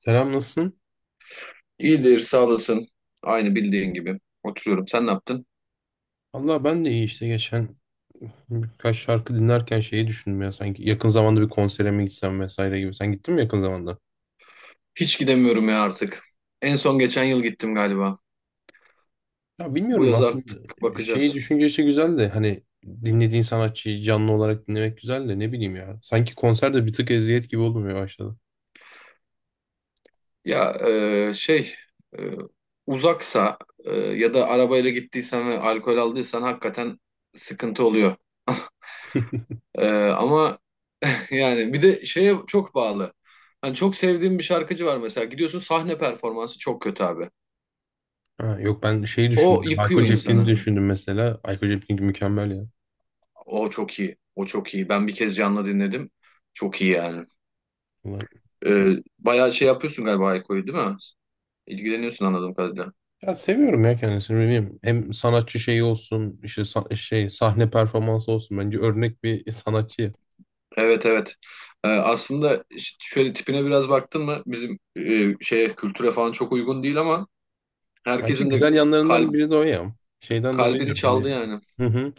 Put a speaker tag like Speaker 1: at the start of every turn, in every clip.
Speaker 1: Selam, nasılsın?
Speaker 2: İyidir, sağ olasın. Aynı bildiğin gibi. Oturuyorum. Sen ne yaptın?
Speaker 1: Allah ben de iyi işte, geçen birkaç şarkı dinlerken şeyi düşündüm ya, sanki yakın zamanda bir konsere mi gitsem vesaire gibi. Sen gittin mi yakın zamanda?
Speaker 2: Hiç gidemiyorum ya artık. En son geçen yıl gittim galiba.
Speaker 1: Ya
Speaker 2: Bu
Speaker 1: bilmiyorum
Speaker 2: yaz
Speaker 1: aslında,
Speaker 2: artık
Speaker 1: şeyi
Speaker 2: bakacağız.
Speaker 1: düşüncesi güzel de hani dinlediğin sanatçıyı canlı olarak dinlemek güzel de, ne bileyim ya. Sanki konserde bir tık eziyet gibi olmaya başladı.
Speaker 2: Ya e, şey e, uzaksa ya da arabayla gittiysen ve alkol aldıysan hakikaten sıkıntı oluyor. Ama yani bir de şeye çok bağlı. Hani çok sevdiğim bir şarkıcı var mesela. Gidiyorsun, sahne performansı çok kötü abi.
Speaker 1: Ha, yok, ben şeyi
Speaker 2: O
Speaker 1: düşündüm.
Speaker 2: yıkıyor
Speaker 1: Ayko Cepkin'i
Speaker 2: insanı.
Speaker 1: düşündüm mesela. Ayko Cepkin mükemmel ya.
Speaker 2: O çok iyi. O çok iyi. Ben bir kez canlı dinledim. Çok iyi yani. Bayağı şey yapıyorsun galiba Hayko'yu, değil mi? İlgileniyorsun anladığım kadarıyla.
Speaker 1: Ya seviyorum ya kendisini, ne bileyim. Hem sanatçı şeyi olsun, işte sahne performansı olsun. Bence örnek bir sanatçı.
Speaker 2: Evet, evet. Aslında şöyle, tipine biraz baktın mı, bizim şeye, kültüre falan çok uygun değil ama
Speaker 1: Bence
Speaker 2: herkesin de
Speaker 1: güzel yanlarından
Speaker 2: kalp
Speaker 1: biri de o ya. Şeyden dolayı
Speaker 2: kalbini
Speaker 1: diyorum
Speaker 2: çaldı
Speaker 1: hani.
Speaker 2: yani.
Speaker 1: Hı hı.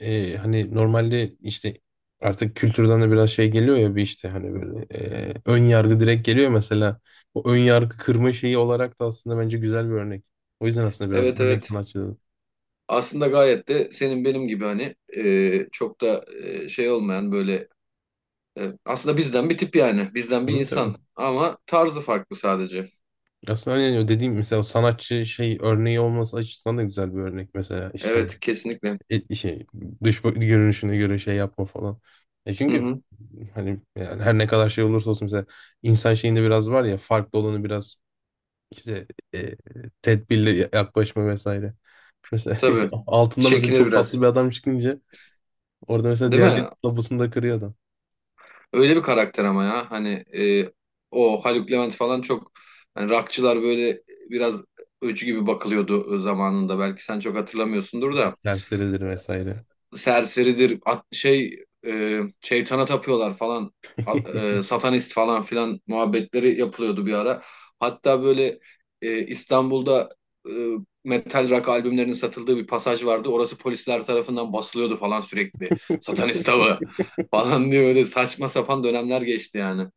Speaker 1: Hani normalde işte artık kültürden de biraz şey geliyor ya, bir işte hani böyle ön yargı direkt geliyor mesela. O ön yargı kırma şeyi olarak da aslında bence güzel bir örnek. O yüzden aslında biraz
Speaker 2: Evet,
Speaker 1: örnek
Speaker 2: evet.
Speaker 1: sanatçı dedim.
Speaker 2: Aslında gayet de senin benim gibi, hani çok da şey olmayan, böyle aslında bizden bir tip yani. Bizden bir
Speaker 1: Tabii, tabii.
Speaker 2: insan ama tarzı farklı sadece.
Speaker 1: Aslında hani o dediğim mesela, o sanatçı şey örneği olması açısından da güzel bir örnek mesela işte.
Speaker 2: Evet, kesinlikle.
Speaker 1: et- şey görünüşüne göre şey yapma falan. E
Speaker 2: Hı
Speaker 1: çünkü
Speaker 2: hı,
Speaker 1: hani yani her ne kadar şey olursa olsun mesela, insan şeyinde biraz var ya, farklı olanı biraz işte e, tedbirli yaklaşma vesaire. Mesela
Speaker 2: tabii.
Speaker 1: altında mesela
Speaker 2: Çekinir
Speaker 1: çok tatlı
Speaker 2: biraz.
Speaker 1: bir adam çıkınca, orada mesela
Speaker 2: Değil
Speaker 1: diğerleri
Speaker 2: mi?
Speaker 1: tabusunu da kırıyor adam.
Speaker 2: Öyle bir karakter ama ya. Hani o Haluk Levent falan, çok, hani rockçılar böyle biraz öcü gibi bakılıyordu zamanında. Belki sen çok hatırlamıyorsundur da.
Speaker 1: Serseridir vesaire.
Speaker 2: Serseridir. Şeytana tapıyorlar falan. Satanist falan filan muhabbetleri yapılıyordu bir ara. Hatta böyle İstanbul'da e, metal rock albümlerinin satıldığı bir pasaj vardı. Orası polisler tarafından basılıyordu falan sürekli. Satanist avı falan diye öyle saçma sapan dönemler geçti yani.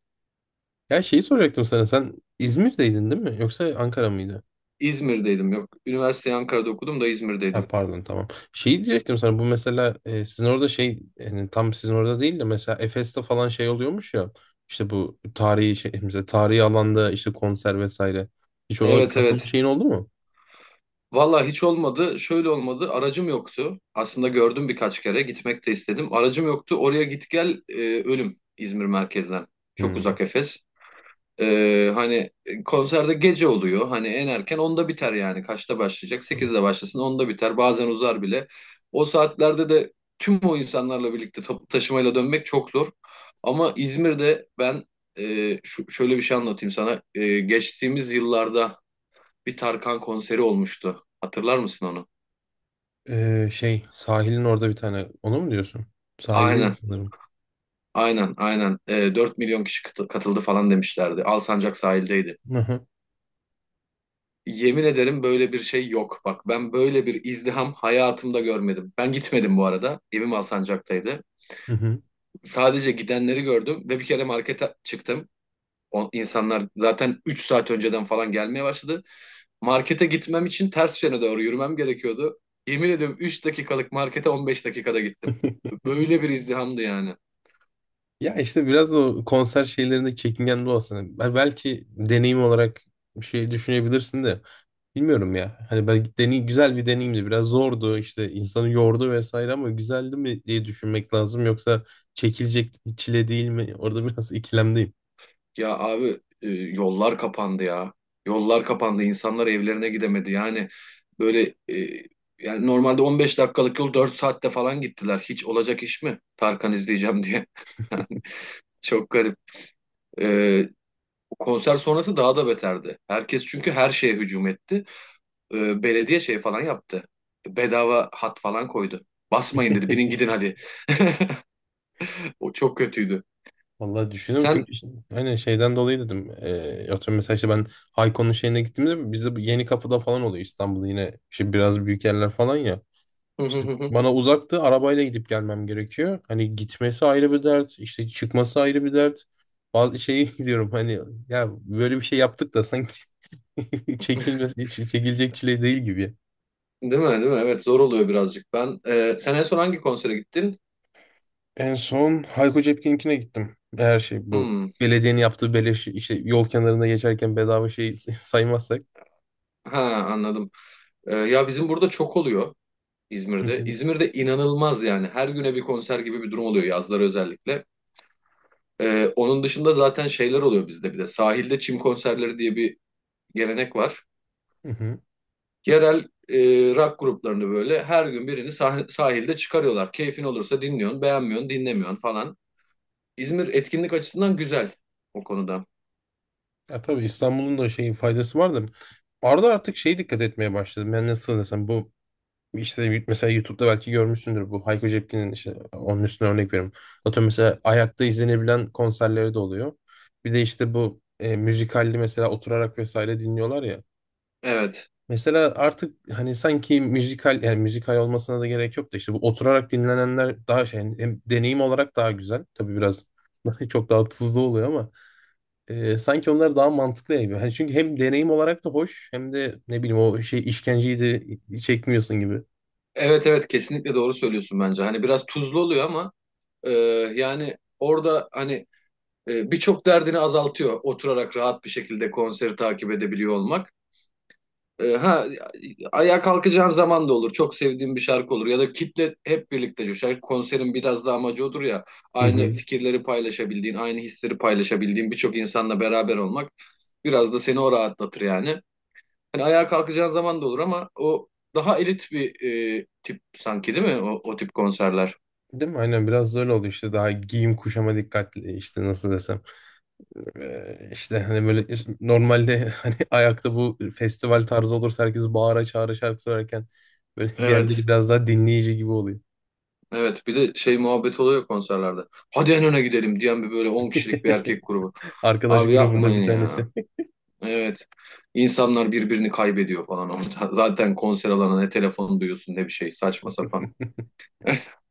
Speaker 1: Ya şeyi soracaktım sana, sen İzmir'deydin değil mi? Yoksa Ankara mıydı?
Speaker 2: İzmir'deydim, yok. Üniversiteyi Ankara'da okudum da
Speaker 1: Ha,
Speaker 2: İzmir'deydim.
Speaker 1: pardon, tamam. Şey diyecektim sana, bu mesela sizin orada şey, yani tam sizin orada değil de mesela Efes'te falan şey oluyormuş ya, işte bu tarihi şey mesela tarihi alanda işte konser vesaire. Hiç ona
Speaker 2: Evet, evet.
Speaker 1: katılmış şeyin oldu mu?
Speaker 2: Valla hiç olmadı. Şöyle olmadı. Aracım yoktu. Aslında gördüm birkaç kere. Gitmek de istedim. Aracım yoktu. Oraya git gel ölüm İzmir merkezden. Çok
Speaker 1: Hmm,
Speaker 2: uzak Efes. Hani konserde gece oluyor. Hani en erken 10'da biter yani. Kaçta başlayacak?
Speaker 1: tabii.
Speaker 2: 8'de başlasın, 10'da biter. Bazen uzar bile. O saatlerde de tüm o insanlarla birlikte toplu taşımayla dönmek çok zor. Ama İzmir'de ben şöyle bir şey anlatayım sana. Geçtiğimiz yıllarda bir Tarkan konseri olmuştu. Hatırlar mısın onu?
Speaker 1: Şey, sahilin orada bir tane, onu mu diyorsun? Sahil
Speaker 2: Aynen,
Speaker 1: sanırım.
Speaker 2: aynen, aynen. 4 milyon kişi katıldı falan demişlerdi. Alsancak sahildeydi.
Speaker 1: Hı hı.
Speaker 2: Yemin ederim böyle bir şey yok. Bak ben böyle bir izdiham hayatımda görmedim. Ben gitmedim bu arada. Evim Alsancak'taydı.
Speaker 1: Hı hı.
Speaker 2: Sadece gidenleri gördüm ve bir kere markete çıktım. O insanlar zaten 3 saat önceden falan gelmeye başladı. Markete gitmem için ters yöne doğru yürümem gerekiyordu. Yemin ediyorum, 3 dakikalık markete 15 dakikada gittim. Böyle bir izdihamdı yani.
Speaker 1: Ya işte biraz da o konser şeylerinde çekingen de olsana. Belki deneyim olarak bir şey düşünebilirsin de. Bilmiyorum ya. Hani belki deney güzel bir deneyimdi. Biraz zordu işte, insanı yordu vesaire, ama güzeldi mi diye düşünmek lazım. Yoksa çekilecek çile değil mi? Orada biraz ikilemdeyim.
Speaker 2: Ya abi, yollar kapandı ya. Yollar kapandı. İnsanlar evlerine gidemedi. Yani böyle, normalde 15 dakikalık yol 4 saatte falan gittiler. Hiç olacak iş mi, Tarkan izleyeceğim diye? Çok garip. E, Konser sonrası daha da beterdi. Herkes çünkü her şeye hücum etti. Belediye şey falan yaptı. Bedava hat falan koydu. Basmayın, dedi. Binin gidin hadi. O çok kötüydü.
Speaker 1: Vallahi düşünüyorum
Speaker 2: Sen.
Speaker 1: çünkü işte, hani şeyden dolayı dedim. Atıyorum mesela işte ben Hayko'nun şeyine gittiğimde, bizde bu yeni kapıda falan oluyor İstanbul'da, yine işte biraz büyük yerler falan ya. İşte
Speaker 2: Değil
Speaker 1: bana uzaktı, arabayla gidip gelmem gerekiyor. Hani gitmesi ayrı bir dert, işte çıkması ayrı bir dert. Bazı şeyi diyorum hani, ya böyle bir şey yaptık da sanki. Çekilmesi, çekilecek çile değil gibi.
Speaker 2: mi? Değil mi? Evet, zor oluyor birazcık. Sen en son hangi konsere gittin?
Speaker 1: En son Hayko Cepkin'inkine gittim. Her şey bu.
Speaker 2: Hmm.
Speaker 1: Belediyenin yaptığı beleş, işte yol kenarında geçerken bedava şey, saymazsak.
Speaker 2: Ha, anladım. Ya bizim burada çok oluyor,
Speaker 1: Hı
Speaker 2: İzmir'de.
Speaker 1: hı,
Speaker 2: İzmir'de inanılmaz yani. Her güne bir konser gibi bir durum oluyor, yazları özellikle. Onun dışında zaten şeyler oluyor bizde bir de. Sahilde çim konserleri diye bir gelenek var.
Speaker 1: hı hı.
Speaker 2: Yerel e, rock gruplarını böyle her gün birini sahilde çıkarıyorlar. Keyfin olursa dinliyorsun, beğenmiyorsun, dinlemiyorsun falan. İzmir etkinlik açısından güzel o konuda.
Speaker 1: Ya tabii İstanbul'un da şeyin faydası var da. Arada artık şey dikkat etmeye başladım. Ben nasıl desem, bu işte mesela YouTube'da belki görmüşsündür, bu Hayko Cepkin'in işte onun üstüne örnek veriyorum. Atıyorum mesela ayakta izlenebilen konserleri de oluyor. Bir de işte bu müzikalli mesela oturarak vesaire dinliyorlar ya.
Speaker 2: Evet.
Speaker 1: Mesela artık hani sanki müzikal, yani müzikal olmasına da gerek yok da, işte bu oturarak dinlenenler daha şey hani, hem deneyim olarak daha güzel. Tabii biraz çok daha tuzlu oluyor ama sanki onlar daha mantıklı gibi. Hani çünkü hem deneyim olarak da hoş hem de ne bileyim, o şey işkenceyi de çekmiyorsun gibi.
Speaker 2: Evet, evet, kesinlikle doğru söylüyorsun bence. Hani biraz tuzlu oluyor ama e, yani orada, hani, birçok derdini azaltıyor oturarak rahat bir şekilde konseri takip edebiliyor olmak. E, ha Ayağa kalkacağın zaman da olur. Çok sevdiğim bir şarkı olur ya da kitle hep birlikte coşar. Konserin biraz da amacı odur ya.
Speaker 1: Hı
Speaker 2: Aynı
Speaker 1: hı.
Speaker 2: fikirleri paylaşabildiğin, aynı hisleri paylaşabildiğin birçok insanla beraber olmak biraz da seni o rahatlatır yani. Hani ayağa kalkacağın zaman da olur ama o daha elit bir tip sanki, değil mi? O, o tip konserler.
Speaker 1: Değil mi? Aynen, biraz da öyle oluyor işte, daha giyim kuşama dikkatli işte, nasıl desem. İşte hani böyle işte, normalde hani ayakta bu festival tarzı olursa herkes bağıra çağıra şarkı söylerken, böyle diğerleri
Speaker 2: Evet.
Speaker 1: biraz daha dinleyici gibi oluyor.
Speaker 2: Evet, bir de şey muhabbet oluyor konserlerde. Hadi en öne gidelim diyen bir böyle 10 kişilik bir erkek grubu.
Speaker 1: Arkadaş
Speaker 2: Abi,
Speaker 1: grubunda bir
Speaker 2: yapmayın ya.
Speaker 1: tanesi.
Speaker 2: Evet. İnsanlar birbirini kaybediyor falan orada. Zaten konser alanına ne telefon duyuyorsun, ne bir şey, saçma sapan.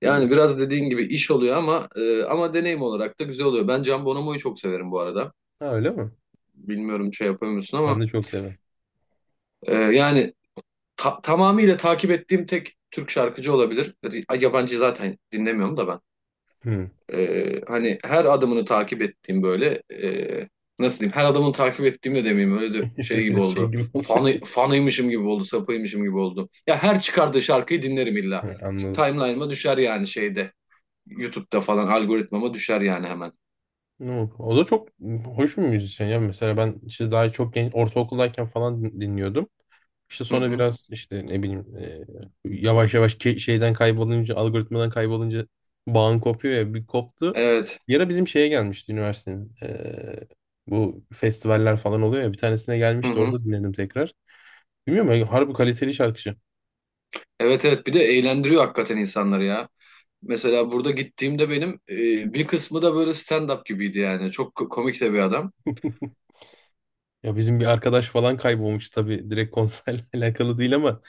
Speaker 2: Yani
Speaker 1: Bilmiyorum.
Speaker 2: biraz dediğin gibi iş oluyor ama deneyim olarak da güzel oluyor. Ben Can Bonomo'yu çok severim bu arada.
Speaker 1: Ha, öyle mi?
Speaker 2: Bilmiyorum şey yapıyor musun
Speaker 1: Ben
Speaker 2: ama
Speaker 1: de çok severim.
Speaker 2: yani tamamıyla takip ettiğim tek Türk şarkıcı olabilir. Yabancı zaten dinlemiyorum da ben.
Speaker 1: Hmm.
Speaker 2: Hani her adımını takip ettiğim, böyle, nasıl diyeyim, her adımını takip ettiğim de demeyeyim, öyle de şey gibi
Speaker 1: Biraz şey
Speaker 2: oldu.
Speaker 1: gibi oldu.
Speaker 2: Fanıymışım gibi oldu, sapıymışım gibi oldu. Ya her çıkardığı şarkıyı dinlerim illa.
Speaker 1: Ha, anladım.
Speaker 2: Timeline'ıma düşer yani, şeyde, YouTube'da falan algoritmama düşer yani hemen.
Speaker 1: No. O da çok hoş bir müzisyen ya. Mesela ben işte daha çok genç, ortaokuldayken falan dinliyordum. İşte
Speaker 2: Hı
Speaker 1: sonra
Speaker 2: hı.
Speaker 1: biraz işte ne bileyim yavaş yavaş şeyden kaybolunca, algoritmadan kaybolunca bağın kopuyor ya, bir koptu.
Speaker 2: Evet.
Speaker 1: Bir ara bizim şeye gelmişti üniversitenin. Bu festivaller falan oluyor ya, bir tanesine
Speaker 2: Hı
Speaker 1: gelmişti,
Speaker 2: hı.
Speaker 1: orada dinledim tekrar. Bilmiyorum ya, harbi kaliteli şarkıcı.
Speaker 2: Evet, evet, bir de eğlendiriyor hakikaten insanları ya. Mesela burada gittiğimde benim bir kısmı da böyle stand-up gibiydi yani. Çok komik de bir adam.
Speaker 1: Ya bizim bir arkadaş falan kaybolmuş, tabii direkt konserle alakalı değil ama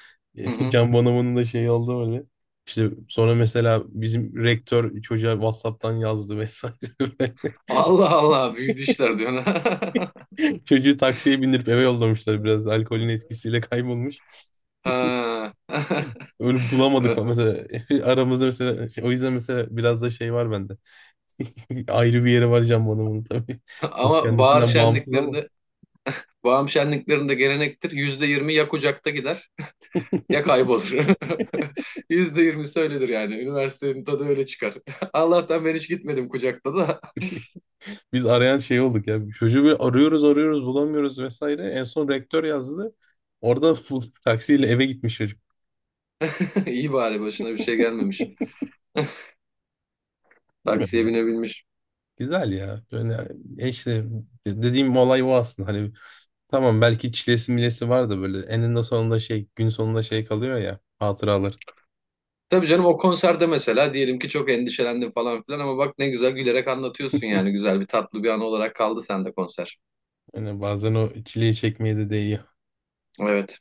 Speaker 2: Hı hı.
Speaker 1: Can Bonomo'nun da şeyi oldu öyle. İşte sonra mesela bizim rektör çocuğa WhatsApp'tan yazdı vesaire.
Speaker 2: Allah Allah, büyüdü işler diyorsun.
Speaker 1: Çocuğu taksiye bindirip eve yollamışlar, biraz da alkolün etkisiyle kaybolmuş.
Speaker 2: Ha.
Speaker 1: Öyle bulamadık falan mesela, aramızda mesela o yüzden mesela biraz da şey var bende. Ayrı bir yeri var Can Bonomo'nun tabii. Biraz
Speaker 2: Ama bahar
Speaker 1: kendisinden bağımsız ama.
Speaker 2: şenliklerinde, bağım şenliklerinde gelenektir. %20 ya kucakta gider ya kaybolur. %20 söylenir yani. Üniversitenin tadı öyle çıkar. Allah'tan ben hiç gitmedim kucakta da.
Speaker 1: Biz arayan şey olduk ya. Çocuğu arıyoruz arıyoruz bulamıyoruz vesaire. En son rektör yazdı. Orada bulup taksiyle eve gitmiş çocuk.
Speaker 2: İyi, bari başına bir şey gelmemiş.
Speaker 1: Bilmiyorum
Speaker 2: Taksiye
Speaker 1: ya.
Speaker 2: binebilmiş.
Speaker 1: Güzel ya. Yani işte dediğim olay o aslında. Hani tamam, belki çilesi milesi var da, böyle eninde sonunda şey, gün sonunda şey kalıyor ya, hatıralar.
Speaker 2: Tabii canım, o konserde mesela diyelim ki çok endişelendim falan filan ama bak ne güzel gülerek anlatıyorsun, yani güzel bir, tatlı bir an olarak kaldı sende konser.
Speaker 1: Yani bazen o çileyi çekmeye de değiyor.
Speaker 2: Evet.